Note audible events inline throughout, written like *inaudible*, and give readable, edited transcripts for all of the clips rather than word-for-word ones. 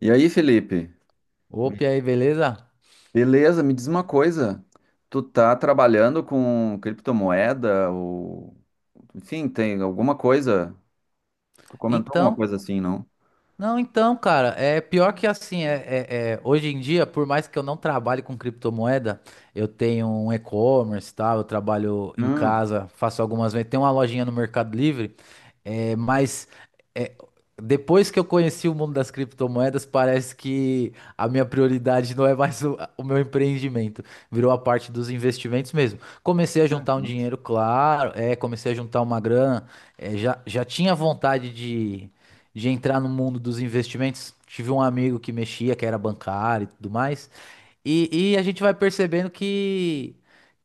E aí, Felipe? Opa, e aí, beleza? Beleza, me diz uma coisa. Tu tá trabalhando com criptomoeda ou enfim, tem alguma coisa? Tu comentou alguma Então, coisa assim, não? não, então, cara, é pior que assim, hoje em dia, por mais que eu não trabalhe com criptomoeda, eu tenho um e-commerce, tá? Eu trabalho em Hum. casa, faço algumas vendas, tenho uma lojinha no Mercado Livre, mas é, depois que eu conheci o mundo das criptomoedas, parece que a minha prioridade não é mais o meu empreendimento, virou a parte dos investimentos mesmo. Comecei a Ah, juntar um nossa. dinheiro, claro, comecei a juntar uma grana, já tinha vontade de entrar no mundo dos investimentos. Tive um amigo que mexia, que era bancário e tudo mais. E a gente vai percebendo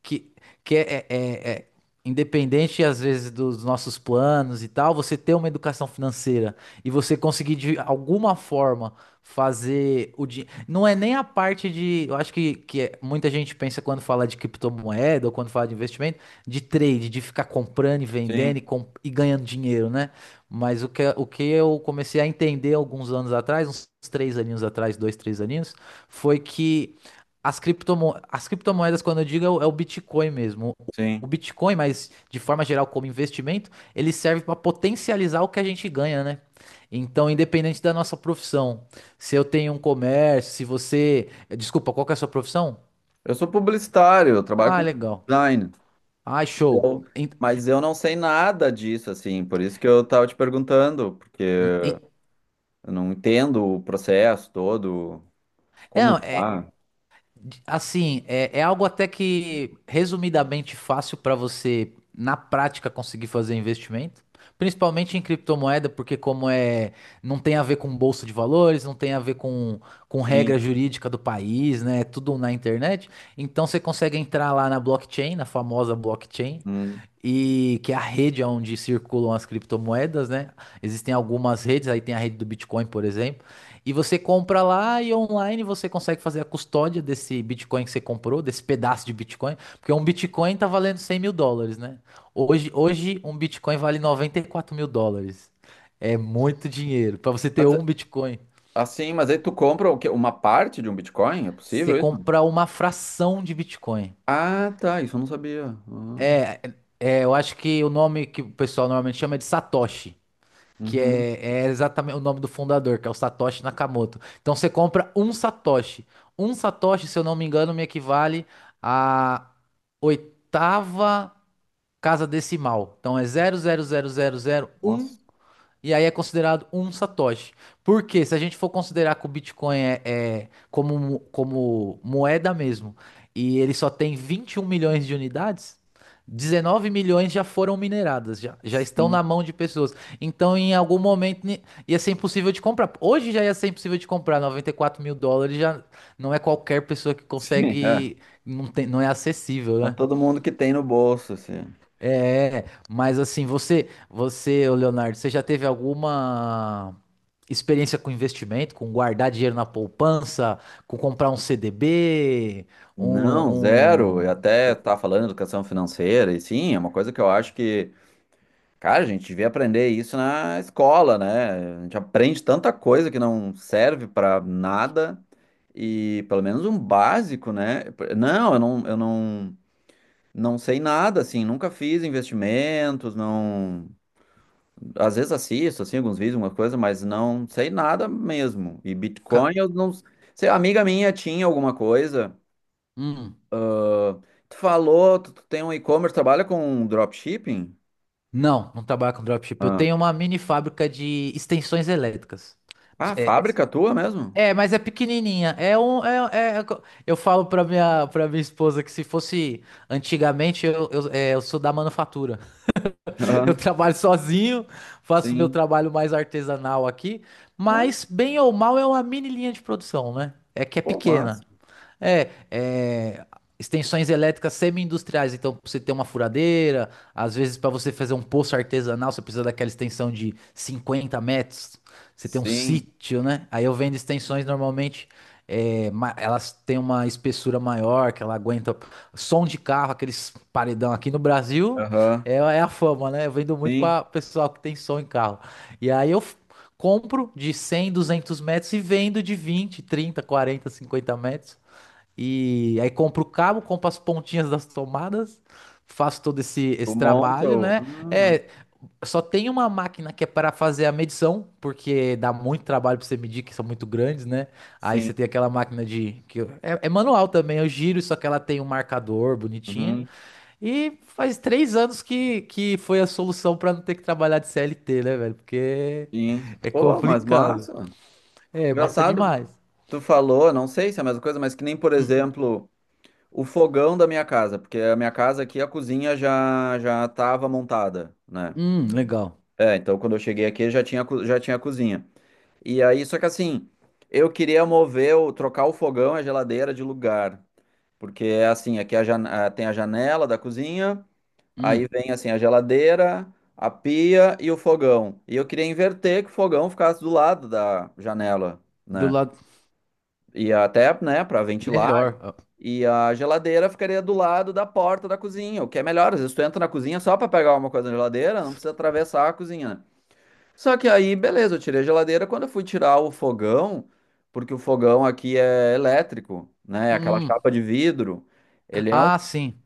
que, que é, é- é- é independente, às vezes, dos nossos planos e tal, você ter uma educação financeira e você conseguir, de alguma forma, fazer o dinheiro. Não é nem a parte de. Eu acho que muita gente pensa quando fala de criptomoeda ou quando fala de investimento, de trade, de ficar comprando e vendendo e, Sim, com- e ganhando dinheiro, né? Mas o que eu comecei a entender alguns anos atrás, uns três aninhos atrás, dois, três aninhos, foi que as criptomoedas, quando eu digo, é o Bitcoin mesmo. O sim. Bitcoin, mas de forma geral como investimento, ele serve para potencializar o que a gente ganha, né? Então, independente da nossa profissão, se eu tenho um comércio, se você. Desculpa, qual que é a sua profissão? Eu sou publicitário, eu trabalho Ah, com legal. design. Ah, show. Eu- Mas eu não sei nada disso, assim, por isso que eu tava te perguntando, porque en- eu não entendo o processo todo, é, como é, tá. Assim, é algo até que resumidamente fácil para você, na prática, conseguir fazer investimento, principalmente em criptomoeda, porque como é, não tem a ver com bolsa de valores, não tem a ver com, Sim. regra jurídica do país, né? É tudo na internet. Então você consegue entrar lá na blockchain, na famosa blockchain, Hum. e que é a rede onde circulam as criptomoedas, né? Existem algumas redes, aí tem a rede do Bitcoin, por exemplo. E você compra lá e online você consegue fazer a custódia desse Bitcoin que você comprou, desse pedaço de Bitcoin, porque um Bitcoin tá valendo 100 mil dólares, né? Hoje um Bitcoin vale 94 mil dólares. É muito dinheiro. Para você ter um Bitcoin, Assim, mas aí tu compra o quê? Uma parte de um Bitcoin? É você possível isso? compra uma fração de Bitcoin. Ah, tá. Isso eu não sabia. Ah. Eu acho que o nome que o pessoal normalmente chama é de Satoshi, que Uhum. é exatamente o nome do fundador, que é o Satoshi Nakamoto. Então você compra um Satoshi. Um Satoshi, se eu não me engano, me equivale à oitava casa decimal. Então é 0,00001 Nossa. e aí é considerado um satoshi, porque se a gente for considerar que o Bitcoin é como moeda mesmo, e ele só tem 21 milhões de unidades, 19 milhões já foram mineradas, já estão Sim. na mão de pessoas. Então, em algum momento, ia ser impossível de comprar. Hoje já ia ser impossível de comprar. 94 mil dólares já não é qualquer pessoa que *laughs* Sim, é. consegue, não tem, não é acessível, É né? todo mundo que tem no bolso, assim. É, mas assim, você, ô Leonardo, você já teve alguma experiência com investimento, com guardar dinheiro na poupança, com comprar um CDB, Não, um, zero. um, Eu até o tá falando de educação financeira, e sim, é uma coisa que eu acho que, cara, a gente devia aprender isso na escola, né? A gente aprende tanta coisa que não serve pra nada. E pelo menos um básico, né? Não, eu não. Não sei nada, assim, nunca fiz investimentos, não. Às vezes assisto, assim, alguns vídeos, alguma coisa, mas não sei nada mesmo. E ca- Bitcoin, eu não sei. A amiga minha tinha alguma coisa. hum, Ah, tu falou, tu tem um e-commerce, trabalha com dropshipping? não, não trabalho com dropship. Eu Ah, tenho uma mini fábrica de extensões elétricas. ah, É, fábrica tua mesmo? mas é pequenininha. Eu falo para minha esposa que se fosse antigamente, eu sou da manufatura. *laughs* Eu Aham, trabalho sozinho, faço meu sim. trabalho mais artesanal aqui, Ah, mas bem ou mal é uma mini linha de produção, né? É que é pô, pequena. massa. É, é, extensões elétricas semi-industriais. Então, pra você ter uma furadeira, às vezes para você fazer um poço artesanal, você precisa daquela extensão de 50 metros. Você tem um Sim. sítio, né? Aí eu vendo extensões normalmente, elas têm uma espessura maior, que ela aguenta som de carro, aqueles paredão aqui no Brasil, Aham, é a fama, né? Eu vendo muito sim. para pessoal que tem som em carro. E aí eu compro de 100, 200 metros e vendo de 20, 30, 40, 50 metros. E aí compro o cabo, compro as pontinhas das tomadas, faço todo esse, Tu esse monta trabalho, o. Ah, né? É, só tem uma máquina que é para fazer a medição, porque dá muito trabalho para você medir, que são muito grandes, né? Aí sim. você tem aquela máquina de... que eu- é, é manual também, eu giro, só que ela tem um marcador bonitinho. Uhum, E faz 3 anos que foi a solução para não ter que trabalhar de CLT, né, velho? Porque sim. é Pô, mas complicado. massa. É, massa Engraçado. demais. Tu falou, não sei se é a mesma coisa, mas que nem, por Hum, exemplo, o fogão da minha casa, porque a minha casa aqui, a cozinha já já estava montada, né? Legal. É, então quando eu cheguei aqui já tinha, já tinha a cozinha. E aí, só que assim, eu queria mover, trocar o fogão e a geladeira de lugar, porque é assim, aqui é tem a janela da cozinha, aí Hum. vem assim a geladeira, a pia e o fogão. E eu queria inverter que o fogão ficasse do lado da janela, Do né? lado. E até, né, para ventilar. Melhor. Ah, E a geladeira ficaria do lado da porta da cozinha, o que é melhor. Às vezes tu entra na cozinha só para pegar uma coisa na geladeira, não precisa atravessar a cozinha, né? Só que aí, beleza, eu tirei a geladeira. Quando eu fui tirar o fogão, porque o fogão aqui é elétrico, né? Aquela hum. chapa de vidro. Ele é um, Ah, sim.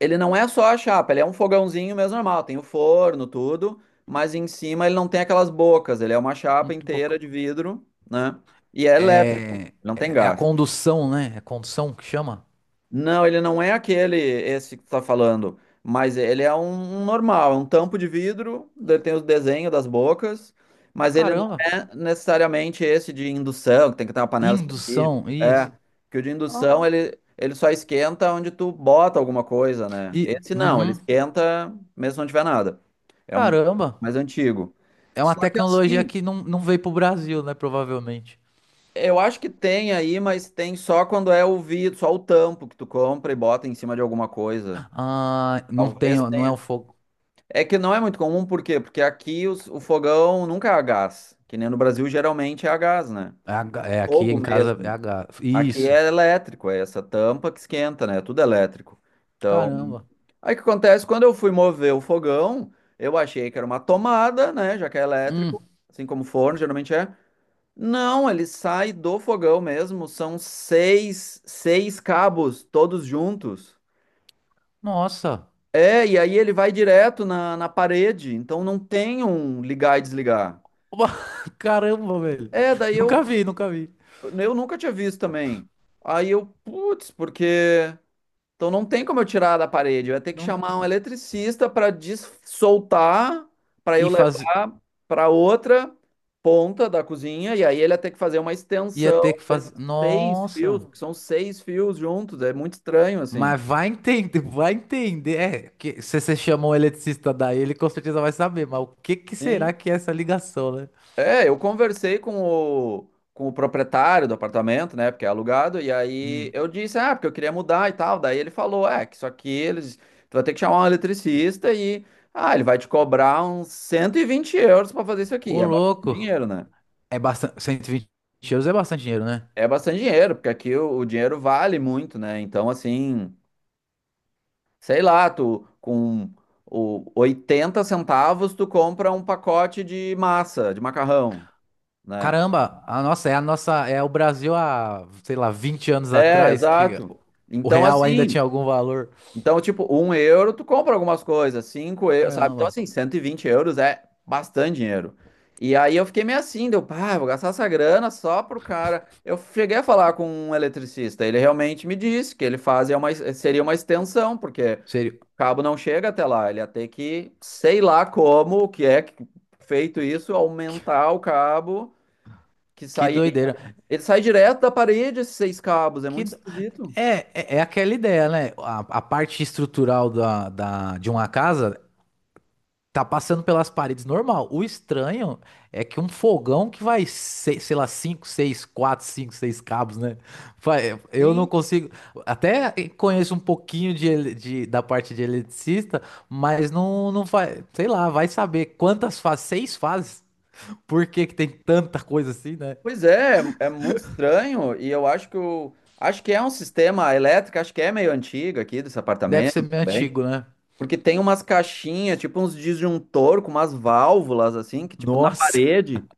Ele não é só a chapa, ele é um fogãozinho mesmo normal. Tem o forno, tudo, mas em cima ele não tem aquelas bocas. Ele é uma chapa Muito bom. inteira de vidro, né? E é É. Elétrico, É, não tem é a gás. condução, né? É condução que chama? Não, ele não é aquele, esse que tu tá falando, mas ele é um normal, é um tampo de vidro, ele tem o desenho das bocas, mas ele não Caramba. é necessariamente esse de indução, que tem que ter uma panela específica. Indução, É, isso. que o de Ó. indução ele só esquenta onde tu bota alguma coisa, né? E, Esse não, ele uhum. esquenta mesmo se não tiver nada. É um Caramba. mais antigo. É uma Só que tecnologia assim, que não, não veio pro Brasil, né? Provavelmente. eu acho que tem aí, mas tem só quando é o vidro, só o tampo que tu compra e bota em cima de alguma coisa. Ah, não tem, Talvez ó, não é o tenha. fogo. É que não é muito comum, por quê? Porque aqui o fogão nunca é a gás, que nem no Brasil geralmente é a gás, né? É, a ga- é aqui Fogo em casa é a mesmo. gás. Aqui Isso. é elétrico, é essa tampa que esquenta, né? Tudo elétrico. Então, Caramba. aí o que acontece? Quando eu fui mover o fogão, eu achei que era uma tomada, né? Já que é Hum. elétrico, assim como forno geralmente é. Não, ele sai do fogão mesmo, são seis cabos todos juntos. Nossa. É, e aí ele vai direto na parede, então não tem um ligar e desligar. Oba, *laughs* Caramba, velho. É, daí eu, Nunca vi, nunca vi. eu nunca tinha visto também. Aí eu, putz, porque. Então não tem como eu tirar da parede, eu ia ter que Não. chamar um eletricista para soltar, para eu E faz. levar para outra ponta da cozinha, e aí ele ia ter que fazer uma Ia ter extensão que desses fazer. seis fios, Nossa. porque são seis fios juntos, é muito estranho assim. Mas vai entender, vai entender. Que, se você chama um eletricista daí, ele com certeza vai saber. Mas o que que será Sim. que é essa ligação, né? É, eu conversei com o proprietário do apartamento, né? Porque é alugado, e aí Hum. eu disse, ah, porque eu queria mudar e tal. Daí ele falou, é, que isso aqui eles. Tu vai ter que chamar um eletricista e. Ah, ele vai te cobrar uns 120 euros para fazer isso aqui. Ô, É bastante louco. dinheiro, né? É bastante. 120 euros é bastante dinheiro, né? É bastante dinheiro, porque aqui o dinheiro vale muito, né? Então, assim, sei lá, tu com o 80 centavos, tu compra um pacote de massa, de macarrão, né? Caramba, a nossa. É o Brasil há, sei lá, 20 anos É, atrás que exato. o Então, real ainda assim. tinha algum valor. Então, tipo, 1 euro tu compra algumas coisas, 5 euros, sabe? Então, Caramba. assim, 120 euros é bastante dinheiro. E aí eu fiquei meio assim, deu, pá, vou gastar essa grana só pro cara. Eu cheguei a falar com um eletricista, ele realmente me disse que ele fazia uma, seria uma extensão, porque Sério. o cabo não chega até lá, ele ia ter que, sei lá como, o que é que- feito isso, Que, aumentar o cabo que que sai. doideira. Ele sai direto da parede, esses seis cabos, é Que, muito do- esquisito. é, é, é aquela ideia, né? A parte estrutural de uma casa. Tá passando pelas paredes normal. O estranho é que um fogão que vai, sei lá, 5, 6, 4, 5, 6 cabos, né? Eu não Sim. consigo. Até conheço um pouquinho da parte de eletricista, mas não, não vai. Sei lá, vai saber quantas fases, seis fases? Por que que tem tanta coisa assim, né? Pois é, é muito estranho e eu acho que o acho que é um sistema elétrico, acho que é meio antigo aqui desse Deve ser apartamento meio também, antigo, né? porque tem umas caixinhas, tipo uns disjuntor com umas válvulas assim, que tipo na Nossa, parede,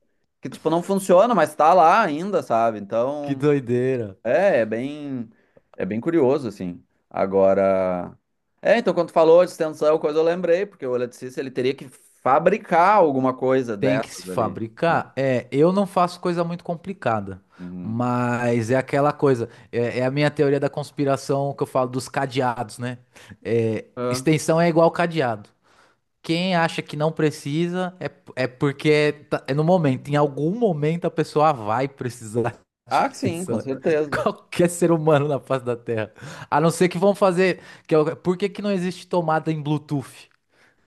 que tipo não funciona, mas tá lá ainda, sabe? *laughs* que Então, doideira. é, é bem é bem curioso assim. Agora, então quando tu falou de extensão, coisa eu lembrei, porque o eletricista ele teria que fabricar alguma coisa Tem que dessas se ali, né? fabricar? É, eu não faço coisa muito complicada, Uhum. mas é aquela coisa, é a minha teoria da conspiração que eu falo dos cadeados, né? Extensão é igual cadeado. Quem acha que não precisa é porque é no momento, em algum momento a pessoa vai precisar *laughs* de uma Ah, sim, com extensão. *laughs* certeza. Qualquer ser humano na face da Terra. A não ser que vão fazer. Por que que não existe tomada em Bluetooth?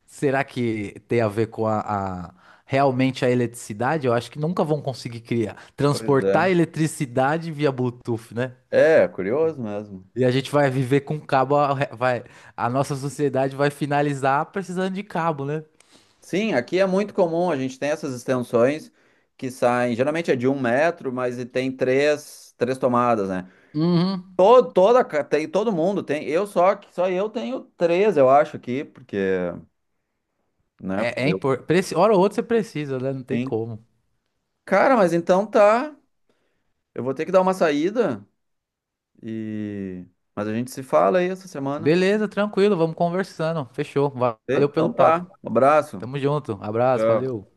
Será que tem a ver com a- realmente a eletricidade? Eu acho que nunca vão conseguir criar, Pois é. transportar eletricidade via Bluetooth, né? É, curioso mesmo. E a gente vai viver com cabo, a nossa sociedade vai finalizar precisando de cabo, né? Sim, aqui é muito comum, a gente tem essas extensões que saem, geralmente é de 1 metro, mas e tem três tomadas, né? Uhum. Tem, todo mundo tem, só eu tenho três, eu acho, aqui, porque, né, porque É eu importante. Hora ou outra você precisa, né? Não tem tenho. como. Cara, mas então tá, eu vou ter que dar uma saída e... Mas a gente se fala aí essa semana. Beleza, tranquilo, vamos conversando. Fechou. Ok? Valeu pelo Então papo. tá, um abraço. Tamo junto. Abraço, Tchau. valeu.